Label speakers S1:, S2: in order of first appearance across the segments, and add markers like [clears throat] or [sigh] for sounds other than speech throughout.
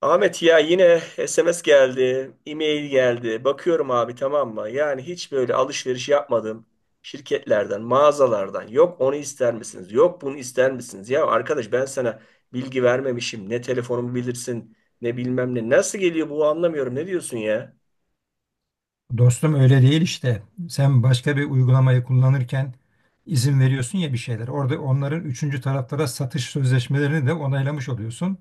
S1: Ahmet ya yine SMS geldi, e-mail geldi. Bakıyorum abi, tamam mı? Yani hiç böyle alışveriş yapmadım. Şirketlerden, mağazalardan. Yok onu ister misiniz? Yok bunu ister misiniz? Ya arkadaş, ben sana bilgi vermemişim. Ne telefonumu bilirsin, ne bilmem ne. Nasıl geliyor bu, anlamıyorum. Ne diyorsun ya?
S2: Dostum öyle değil işte. Sen başka bir uygulamayı kullanırken izin veriyorsun ya bir şeyler. Orada onların üçüncü taraflara satış sözleşmelerini de onaylamış oluyorsun.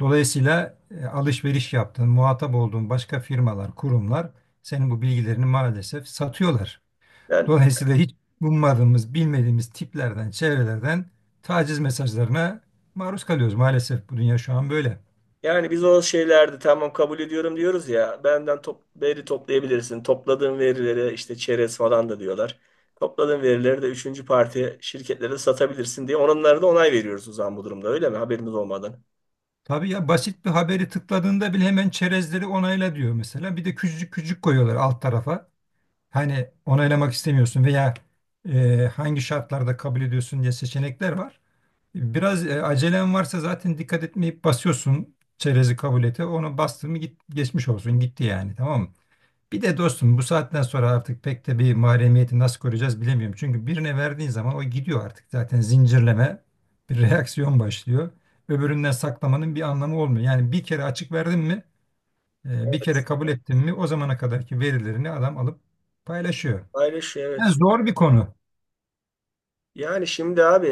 S2: Dolayısıyla alışveriş yaptığın, muhatap olduğun başka firmalar, kurumlar senin bu bilgilerini maalesef satıyorlar.
S1: Ben
S2: Dolayısıyla hiç ummadığımız, bilmediğimiz tiplerden, çevrelerden taciz mesajlarına maruz kalıyoruz. Maalesef bu dünya şu an böyle.
S1: Yani biz o şeylerde tamam kabul ediyorum diyoruz ya, benden veri toplayabilirsin. Topladığın verilere işte çerez falan da diyorlar. Topladığın verileri de üçüncü parti şirketlere satabilirsin diye onlara da onay veriyoruz o zaman, bu durumda öyle mi? Haberimiz olmadan.
S2: Tabii ya basit bir haberi tıkladığında bile hemen çerezleri onayla diyor mesela. Bir de küçücük küçük koyuyorlar alt tarafa. Hani onaylamak istemiyorsun veya hangi şartlarda kabul ediyorsun diye seçenekler var. Biraz acelen varsa zaten dikkat etmeyip basıyorsun çerezi kabul ete. Onu bastın mı git, geçmiş olsun gitti yani tamam mı? Bir de dostum bu saatten sonra artık pek de bir mahremiyeti nasıl koruyacağız bilemiyorum. Çünkü birine verdiğin zaman o gidiyor artık zaten zincirleme bir reaksiyon başlıyor. Öbüründen saklamanın bir anlamı olmuyor. Yani bir kere açık verdin mi bir kere kabul ettin mi o zamana kadarki verilerini adam alıp paylaşıyor.
S1: Paylaş,
S2: Yani
S1: evet.
S2: zor bir konu.
S1: Yani şimdi abi,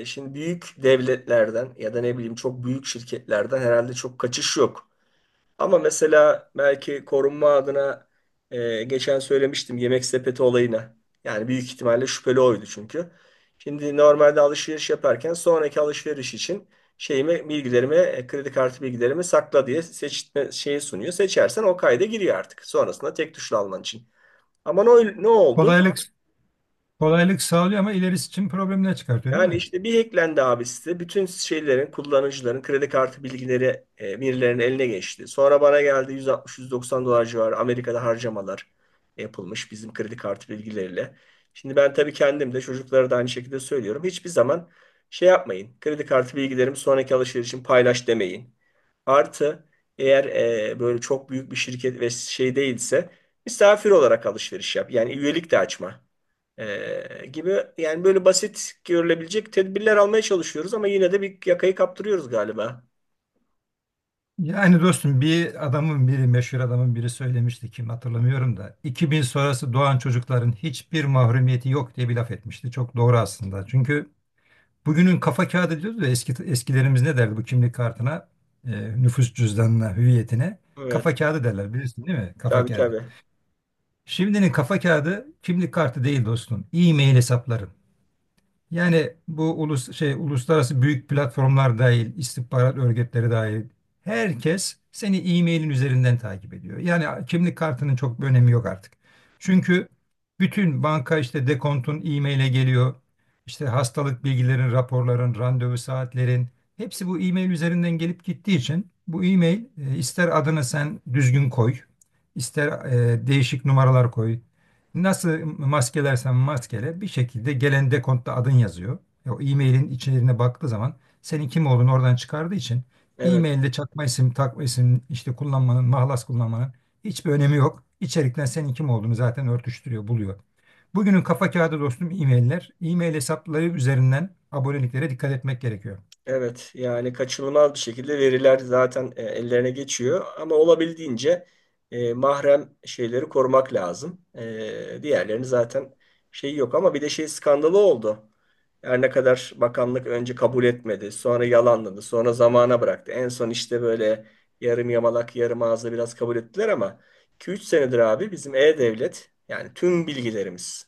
S1: şimdi büyük devletlerden ya da ne bileyim çok büyük şirketlerden herhalde çok kaçış yok. Ama mesela belki korunma adına geçen söylemiştim yemek sepeti olayına. Yani büyük ihtimalle şüpheli oydu, çünkü şimdi normalde alışveriş yaparken sonraki alışveriş için şeyimi, bilgilerimi, kredi kartı bilgilerimi sakla diye seçme şeyi sunuyor. Seçersen o kayda giriyor artık. Sonrasında tek tuşla alman için. Ama ne oldu?
S2: Kolaylık kolaylık sağlıyor ama ilerisi için problemler çıkartıyor değil
S1: Yani
S2: mi?
S1: işte bir hacklendi abi site. Bütün şeylerin, kullanıcıların kredi kartı bilgileri birilerinin eline geçti. Sonra bana geldi, 160-190 dolar civarı Amerika'da harcamalar yapılmış bizim kredi kartı bilgileriyle. Şimdi ben tabii kendim de çocuklara da aynı şekilde söylüyorum. Hiçbir zaman şey yapmayın, kredi kartı bilgilerimi sonraki alışveriş için paylaş demeyin. Artı, eğer böyle çok büyük bir şirket ve şey değilse misafir olarak alışveriş yap. Yani üyelik de açma. Gibi, yani böyle basit görülebilecek tedbirler almaya çalışıyoruz ama yine de bir yakayı kaptırıyoruz galiba.
S2: Yani dostum bir adamın biri meşhur adamın biri söylemişti kim hatırlamıyorum da 2000 sonrası doğan çocukların hiçbir mahrumiyeti yok diye bir laf etmişti. Çok doğru aslında. Çünkü bugünün kafa kağıdı diyoruz da eski eskilerimiz ne derdi bu kimlik kartına, nüfus cüzdanına, hüviyetine
S1: Evet.
S2: kafa kağıdı derler bilirsin değil mi? Kafa
S1: Tabii,
S2: kağıdı.
S1: tabii.
S2: Şimdinin kafa kağıdı kimlik kartı değil dostum. E-mail hesapları. Yani bu uluslararası büyük platformlar dahil, istihbarat örgütleri dahil herkes seni e-mailin üzerinden takip ediyor. Yani kimlik kartının çok bir önemi yok artık. Çünkü bütün banka işte dekontun e-maile geliyor. İşte hastalık bilgilerin, raporların, randevu saatlerin hepsi bu e-mail üzerinden gelip gittiği için bu e-mail ister adını sen düzgün koy, ister değişik numaralar koy, nasıl maskelersen maskele bir şekilde gelen dekontta adın yazıyor. O e-mailin içeriğine baktığı zaman senin kim olduğunu oradan çıkardığı için
S1: Evet.
S2: e-mailde çakma isim, takma isim işte kullanmanın, mahlas kullanmanın hiçbir önemi yok. İçerikten senin kim olduğunu zaten örtüştürüyor, buluyor. Bugünün kafa kağıdı dostum e-mailler. E-mail hesapları üzerinden aboneliklere dikkat etmek gerekiyor.
S1: Evet, yani kaçınılmaz bir şekilde veriler zaten ellerine geçiyor ama olabildiğince mahrem şeyleri korumak lazım. Diğerlerini zaten şey yok ama bir de şey skandalı oldu. Her ne kadar bakanlık önce kabul etmedi, sonra yalanladı, sonra zamana bıraktı. En son işte böyle yarım yamalak, yarım ağızla biraz kabul ettiler ama 2-3 senedir abi bizim e-devlet, yani tüm bilgilerimiz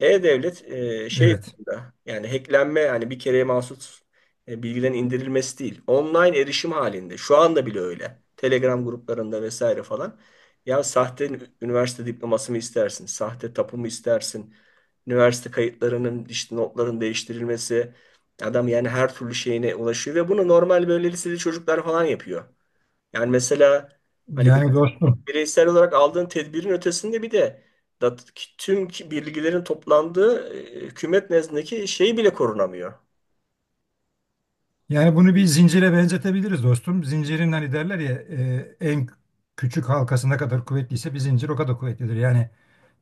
S1: e-Devlet şey
S2: Evet.
S1: durumda, yani hacklenme, yani bir kereye mahsus bilgilerin indirilmesi değil. Online erişim halinde. Şu anda bile öyle. Telegram gruplarında vesaire falan. Ya sahte üniversite diploması mı istersin? Sahte tapu mu istersin? Üniversite kayıtlarının, işte notların değiştirilmesi. Adam yani her türlü şeyine ulaşıyor ve bunu normal böyle liseli çocuklar falan yapıyor. Yani mesela hani
S2: Yani dostum
S1: bireysel olarak aldığın tedbirin ötesinde bir de dat- tüm bilgilerin toplandığı hükümet nezdindeki şey bile korunamıyor.
S2: Yani bunu bir zincire benzetebiliriz dostum. Zincirin hani derler ya en küçük halkası ne kadar kuvvetliyse bir zincir o kadar kuvvetlidir. Yani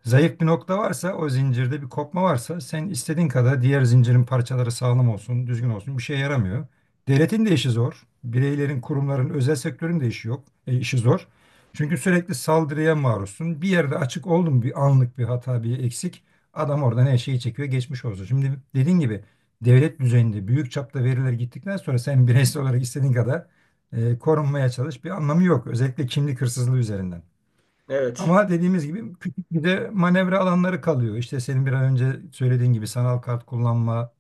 S2: zayıf bir nokta varsa o zincirde bir kopma varsa sen istediğin kadar diğer zincirin parçaları sağlam olsun, düzgün olsun bir şeye yaramıyor. Devletin de işi zor. Bireylerin, kurumların, özel sektörün de işi yok, işi zor. Çünkü sürekli saldırıya maruzsun. Bir yerde açık oldu mu bir anlık bir hata, bir eksik adam oradan her şeyi çekiyor, geçmiş olsun. Şimdi dediğin gibi devlet düzeyinde büyük çapta veriler gittikten sonra sen bireysel olarak istediğin kadar korunmaya çalış bir anlamı yok. Özellikle kimlik hırsızlığı üzerinden.
S1: Evet.
S2: Ama dediğimiz gibi küçük bir de manevra alanları kalıyor. İşte senin bir an önce söylediğin gibi sanal kart kullanma,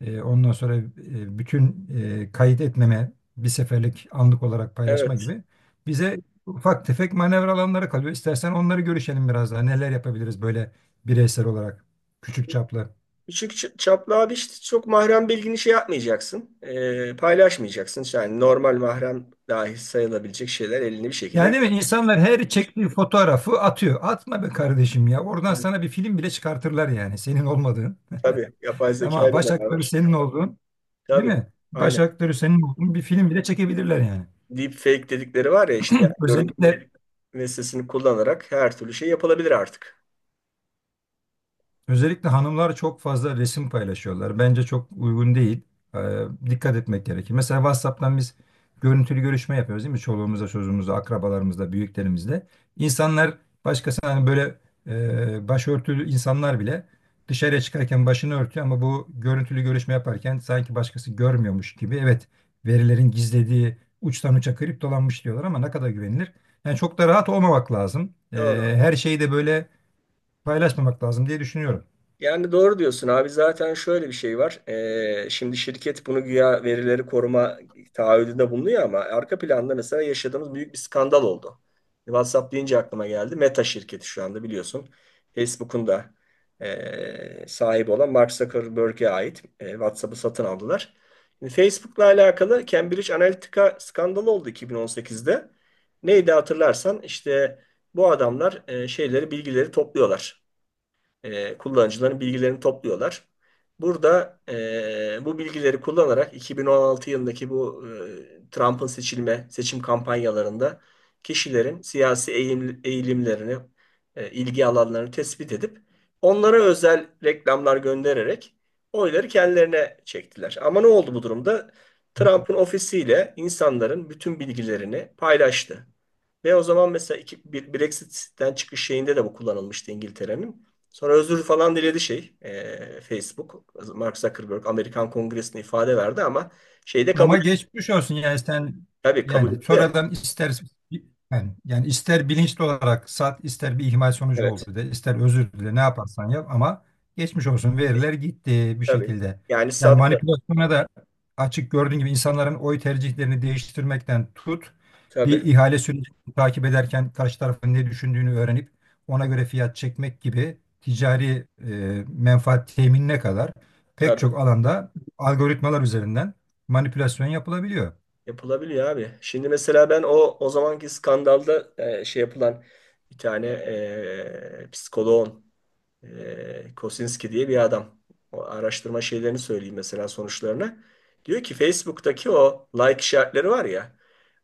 S2: ondan sonra bütün kayıt etmeme, bir seferlik anlık olarak paylaşma
S1: Evet.
S2: gibi bize ufak tefek manevra alanları kalıyor. İstersen onları görüşelim biraz daha. Neler yapabiliriz böyle bireysel olarak küçük çaplı.
S1: Küçük çaplı abi, işte çok mahrem bilgini şey yapmayacaksın, paylaşmayacaksın. İşte, yani normal mahrem dahi sayılabilecek şeyler elini bir
S2: Yani
S1: şekilde.
S2: değil mi? İnsanlar her çektiği fotoğrafı atıyor. Atma be kardeşim ya. Oradan
S1: Evet.
S2: sana bir film bile çıkartırlar yani. Senin olmadığın.
S1: Tabii. Yapay
S2: [laughs]
S1: zeka
S2: Ama
S1: ile
S2: baş aktörü
S1: beraber.
S2: senin olduğun, değil
S1: Tabii.
S2: mi? Baş
S1: Aynen.
S2: aktörü senin olduğun bir film bile çekebilirler yani.
S1: Deepfake dedikleri var ya işte, yani
S2: Özellikle
S1: görüntü ve sesini kullanarak her türlü şey yapılabilir artık.
S2: Özellikle hanımlar çok fazla resim paylaşıyorlar. Bence çok uygun değil. Ee, Dikkat etmek gerekir. Mesela WhatsApp'tan biz görüntülü görüşme yapıyoruz değil mi? Çoluğumuzla, çocuğumuzla, akrabalarımızla, büyüklerimizle. İnsanlar başkası hani böyle başörtülü insanlar bile dışarıya çıkarken başını örtüyor ama bu görüntülü görüşme yaparken sanki başkası görmüyormuş gibi. Evet, verilerin gizlediği uçtan uça kriptolanmış diyorlar ama ne kadar güvenilir? Yani çok da rahat olmamak lazım.
S1: Doğru.
S2: Her şeyi de böyle paylaşmamak lazım diye düşünüyorum.
S1: Yani doğru diyorsun abi, zaten şöyle bir şey var. Şimdi şirket bunu güya verileri koruma taahhüdünde bulunuyor ama arka planda mesela yaşadığımız büyük bir skandal oldu. WhatsApp deyince aklıma geldi. Meta şirketi şu anda, biliyorsun, Facebook'un da sahibi olan Mark Zuckerberg'e ait WhatsApp'ı satın aldılar. Şimdi Facebook'la alakalı Cambridge Analytica skandalı oldu 2018'de. Neydi hatırlarsan, işte bu adamlar şeyleri, bilgileri topluyorlar, kullanıcıların bilgilerini topluyorlar. Burada bu bilgileri kullanarak 2016 yılındaki bu Trump'ın seçim kampanyalarında kişilerin siyasi eğilimlerini, ilgi alanlarını tespit edip onlara özel reklamlar göndererek oyları kendilerine çektiler. Ama ne oldu bu durumda? Trump'ın ofisiyle insanların bütün bilgilerini paylaştı. Ve o zaman mesela Brexit'ten çıkış şeyinde de bu kullanılmıştı İngiltere'nin. Sonra özür falan diledi şey, Facebook. Mark Zuckerberg Amerikan Kongresi'ne ifade verdi ama şeyi de kabul
S2: Ama
S1: etti.
S2: geçmiş olsun yani sen
S1: Tabii, kabul
S2: yani
S1: etti.
S2: sonradan ister ister bilinçli olarak sat ister bir ihmal sonucu
S1: Evet.
S2: oldu de ister özür dile ne yaparsan yap ama geçmiş olsun veriler gitti bir
S1: Tabii.
S2: şekilde.
S1: Yani
S2: Yani
S1: sattı.
S2: manipülasyona da açık gördüğün gibi insanların oy tercihlerini değiştirmekten tut bir
S1: Tabii.
S2: ihale sürecini takip ederken karşı tarafın ne düşündüğünü öğrenip ona göre fiyat çekmek gibi ticari menfaat teminine kadar pek
S1: Tabii.
S2: çok alanda algoritmalar üzerinden manipülasyon yapılabiliyor.
S1: Yapılabiliyor abi. Şimdi mesela ben o zamanki skandalda şey yapılan bir tane psikoloğun, Kosinski diye bir adam. O araştırma şeylerini söyleyeyim mesela, sonuçlarını. Diyor ki Facebook'taki o like işaretleri var ya,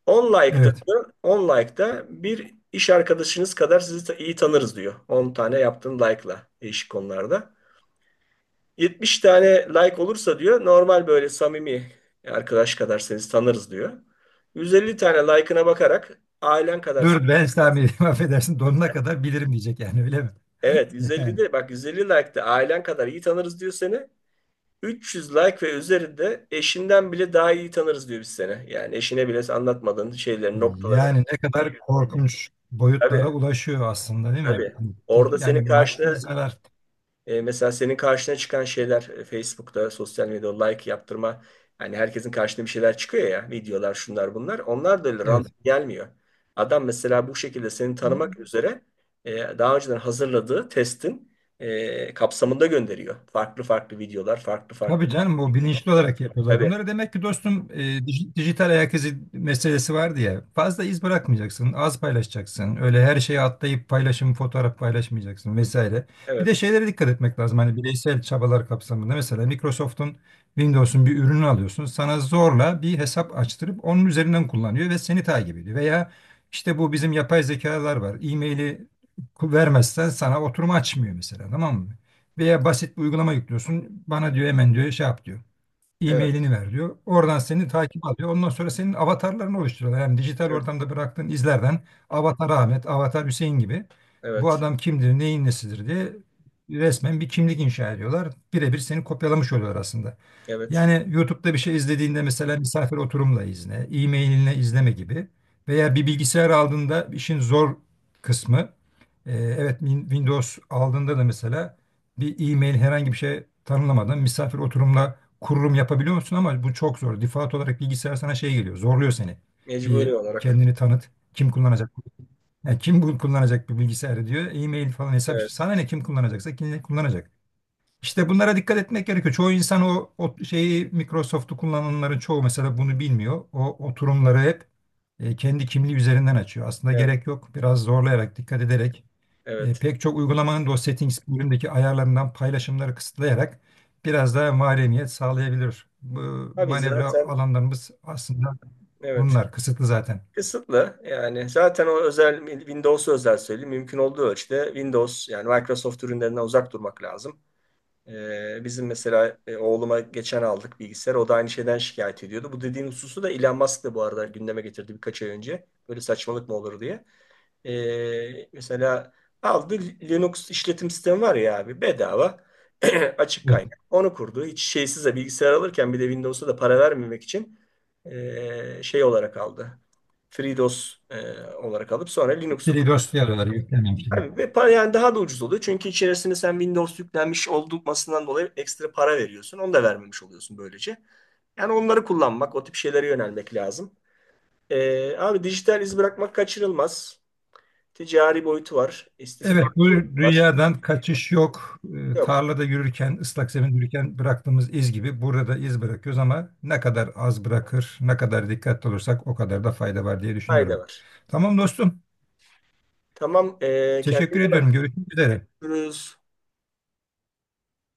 S1: 10 like'da
S2: Evet.
S1: diyor, 10 like'da bir iş arkadaşınız kadar sizi iyi tanırız diyor. 10 tane yaptığın like'la değişik konularda. 70 tane like olursa diyor normal böyle samimi arkadaş kadar sizi tanırız diyor. 150 tane like'ına bakarak ailen kadar
S2: Dur ben İslami değilim, [laughs] affedersin donuna kadar bilirim diyecek yani öyle mi?
S1: Evet,
S2: [laughs]
S1: 150'de bak, 150 like'da ailen kadar iyi tanırız diyor seni. 300 like ve üzerinde eşinden bile daha iyi tanırız diyor biz seni. Yani eşine bile anlatmadığın şeyleri, noktaları.
S2: Ne kadar korkunç
S1: Tabii,
S2: boyutlara ulaşıyor aslında değil mi?
S1: tabii.
S2: Hani
S1: Orada
S2: yani
S1: senin
S2: maddi
S1: karşına
S2: zarar.
S1: mesela senin karşına çıkan şeyler, Facebook'ta, sosyal medyada like yaptırma. Hani herkesin karşına bir şeyler çıkıyor ya. Videolar, şunlar bunlar. Onlar da öyle random
S2: Evet.
S1: gelmiyor. Adam mesela bu şekilde seni tanımak üzere daha önceden hazırladığı testin kapsamında gönderiyor. Farklı farklı videolar, farklı farklı.
S2: Tabii canım bu bilinçli olarak yapıyorlar
S1: Tabii,
S2: bunları. Demek ki dostum dijital ayak izi meselesi vardı ya. Fazla iz bırakmayacaksın, az paylaşacaksın. Öyle her şeye atlayıp paylaşım, fotoğraf paylaşmayacaksın vesaire. Bir
S1: evet,
S2: de şeylere dikkat etmek lazım. Hani bireysel çabalar kapsamında mesela Microsoft'un Windows'un bir ürünü alıyorsun. Sana zorla bir hesap açtırıp onun üzerinden kullanıyor ve seni takip ediyor. Veya işte bu bizim yapay zekalar var. E-mail'i vermezsen sana oturum açmıyor mesela tamam mı? Veya basit bir uygulama yüklüyorsun. Bana diyor hemen diyor şey yap diyor
S1: evet,
S2: e-mailini ver diyor. Oradan seni takip alıyor. Ondan sonra senin avatarlarını oluşturuyorlar. Yani dijital
S1: evet.
S2: ortamda bıraktığın izlerden Avatar Ahmet, Avatar Hüseyin gibi bu
S1: Evet.
S2: adam kimdir, neyin nesidir diye resmen bir kimlik inşa ediyorlar. Birebir seni kopyalamış oluyorlar aslında.
S1: Evet.
S2: Yani YouTube'da bir şey izlediğinde mesela misafir oturumla izle, e-mailinle izleme gibi veya bir bilgisayar aldığında işin zor kısmı evet Windows aldığında da mesela bir e-mail herhangi bir şey tanımlamadan misafir oturumla kururum yapabiliyor musun ama bu çok zor. Default olarak bilgisayar sana şey geliyor, zorluyor seni. Bir
S1: Mecburi olarak.
S2: kendini tanıt, kim kullanacak? Yani kim bu kullanacak bir bilgisayarı diyor. E-mail falan hesap. İşte.
S1: Evet.
S2: Sana ne kim kullanacaksa kim ne kullanacak. İşte bunlara dikkat etmek gerekiyor. Çoğu insan o şeyi Microsoft'u kullananların çoğu mesela bunu bilmiyor. O oturumları hep kendi kimliği üzerinden açıyor. Aslında
S1: Evet.
S2: gerek yok. Biraz zorlayarak, dikkat ederek
S1: Evet.
S2: pek çok uygulamanın da o settings bölümündeki ayarlarından paylaşımları kısıtlayarak biraz daha mahremiyet sağlayabilir. Bu
S1: Abi
S2: manevra
S1: zaten,
S2: alanlarımız aslında
S1: evet.
S2: bunlar. Kısıtlı zaten.
S1: Kısıtlı, yani zaten o özel Windows, özel söyleyeyim, mümkün olduğu ölçüde Windows, yani Microsoft ürünlerinden uzak durmak lazım. Bizim mesela oğluma geçen aldık bilgisayar, o da aynı şeyden şikayet ediyordu. Bu dediğin hususu da Elon Musk da bu arada gündeme getirdi birkaç ay önce. Böyle saçmalık mı olur diye. Mesela aldı, Linux işletim sistemi var ya abi, bedava, [clears throat] açık
S2: Evet.
S1: kaynak. Onu kurdu. Hiç şeysiz de bilgisayar alırken, bir de Windows'a da para vermemek için şey olarak aldı. FreeDOS olarak alıp sonra Linux'u
S2: Dili
S1: kurdu.
S2: dosyaları yüklememiş.
S1: Abi, ve para yani daha da ucuz oluyor. Çünkü içerisine sen Windows yüklenmiş olmasından dolayı ekstra para veriyorsun. Onu da vermemiş oluyorsun böylece. Yani onları kullanmak, o tip şeylere yönelmek lazım. Abi dijital iz bırakmak kaçırılmaz. Ticari boyutu var, istismar
S2: Evet, bu
S1: boyutu var.
S2: rüyadan kaçış yok.
S1: Yok,
S2: Tarlada yürürken, ıslak zeminde yürürken bıraktığımız iz gibi burada da iz bırakıyoruz ama ne kadar az bırakır, ne kadar dikkatli olursak o kadar da fayda var diye
S1: fayda
S2: düşünüyorum.
S1: var.
S2: Tamam dostum,
S1: Tamam, kendine
S2: teşekkür
S1: iyi
S2: ediyorum.
S1: bak.
S2: Görüşmek üzere.
S1: Görüşürüz.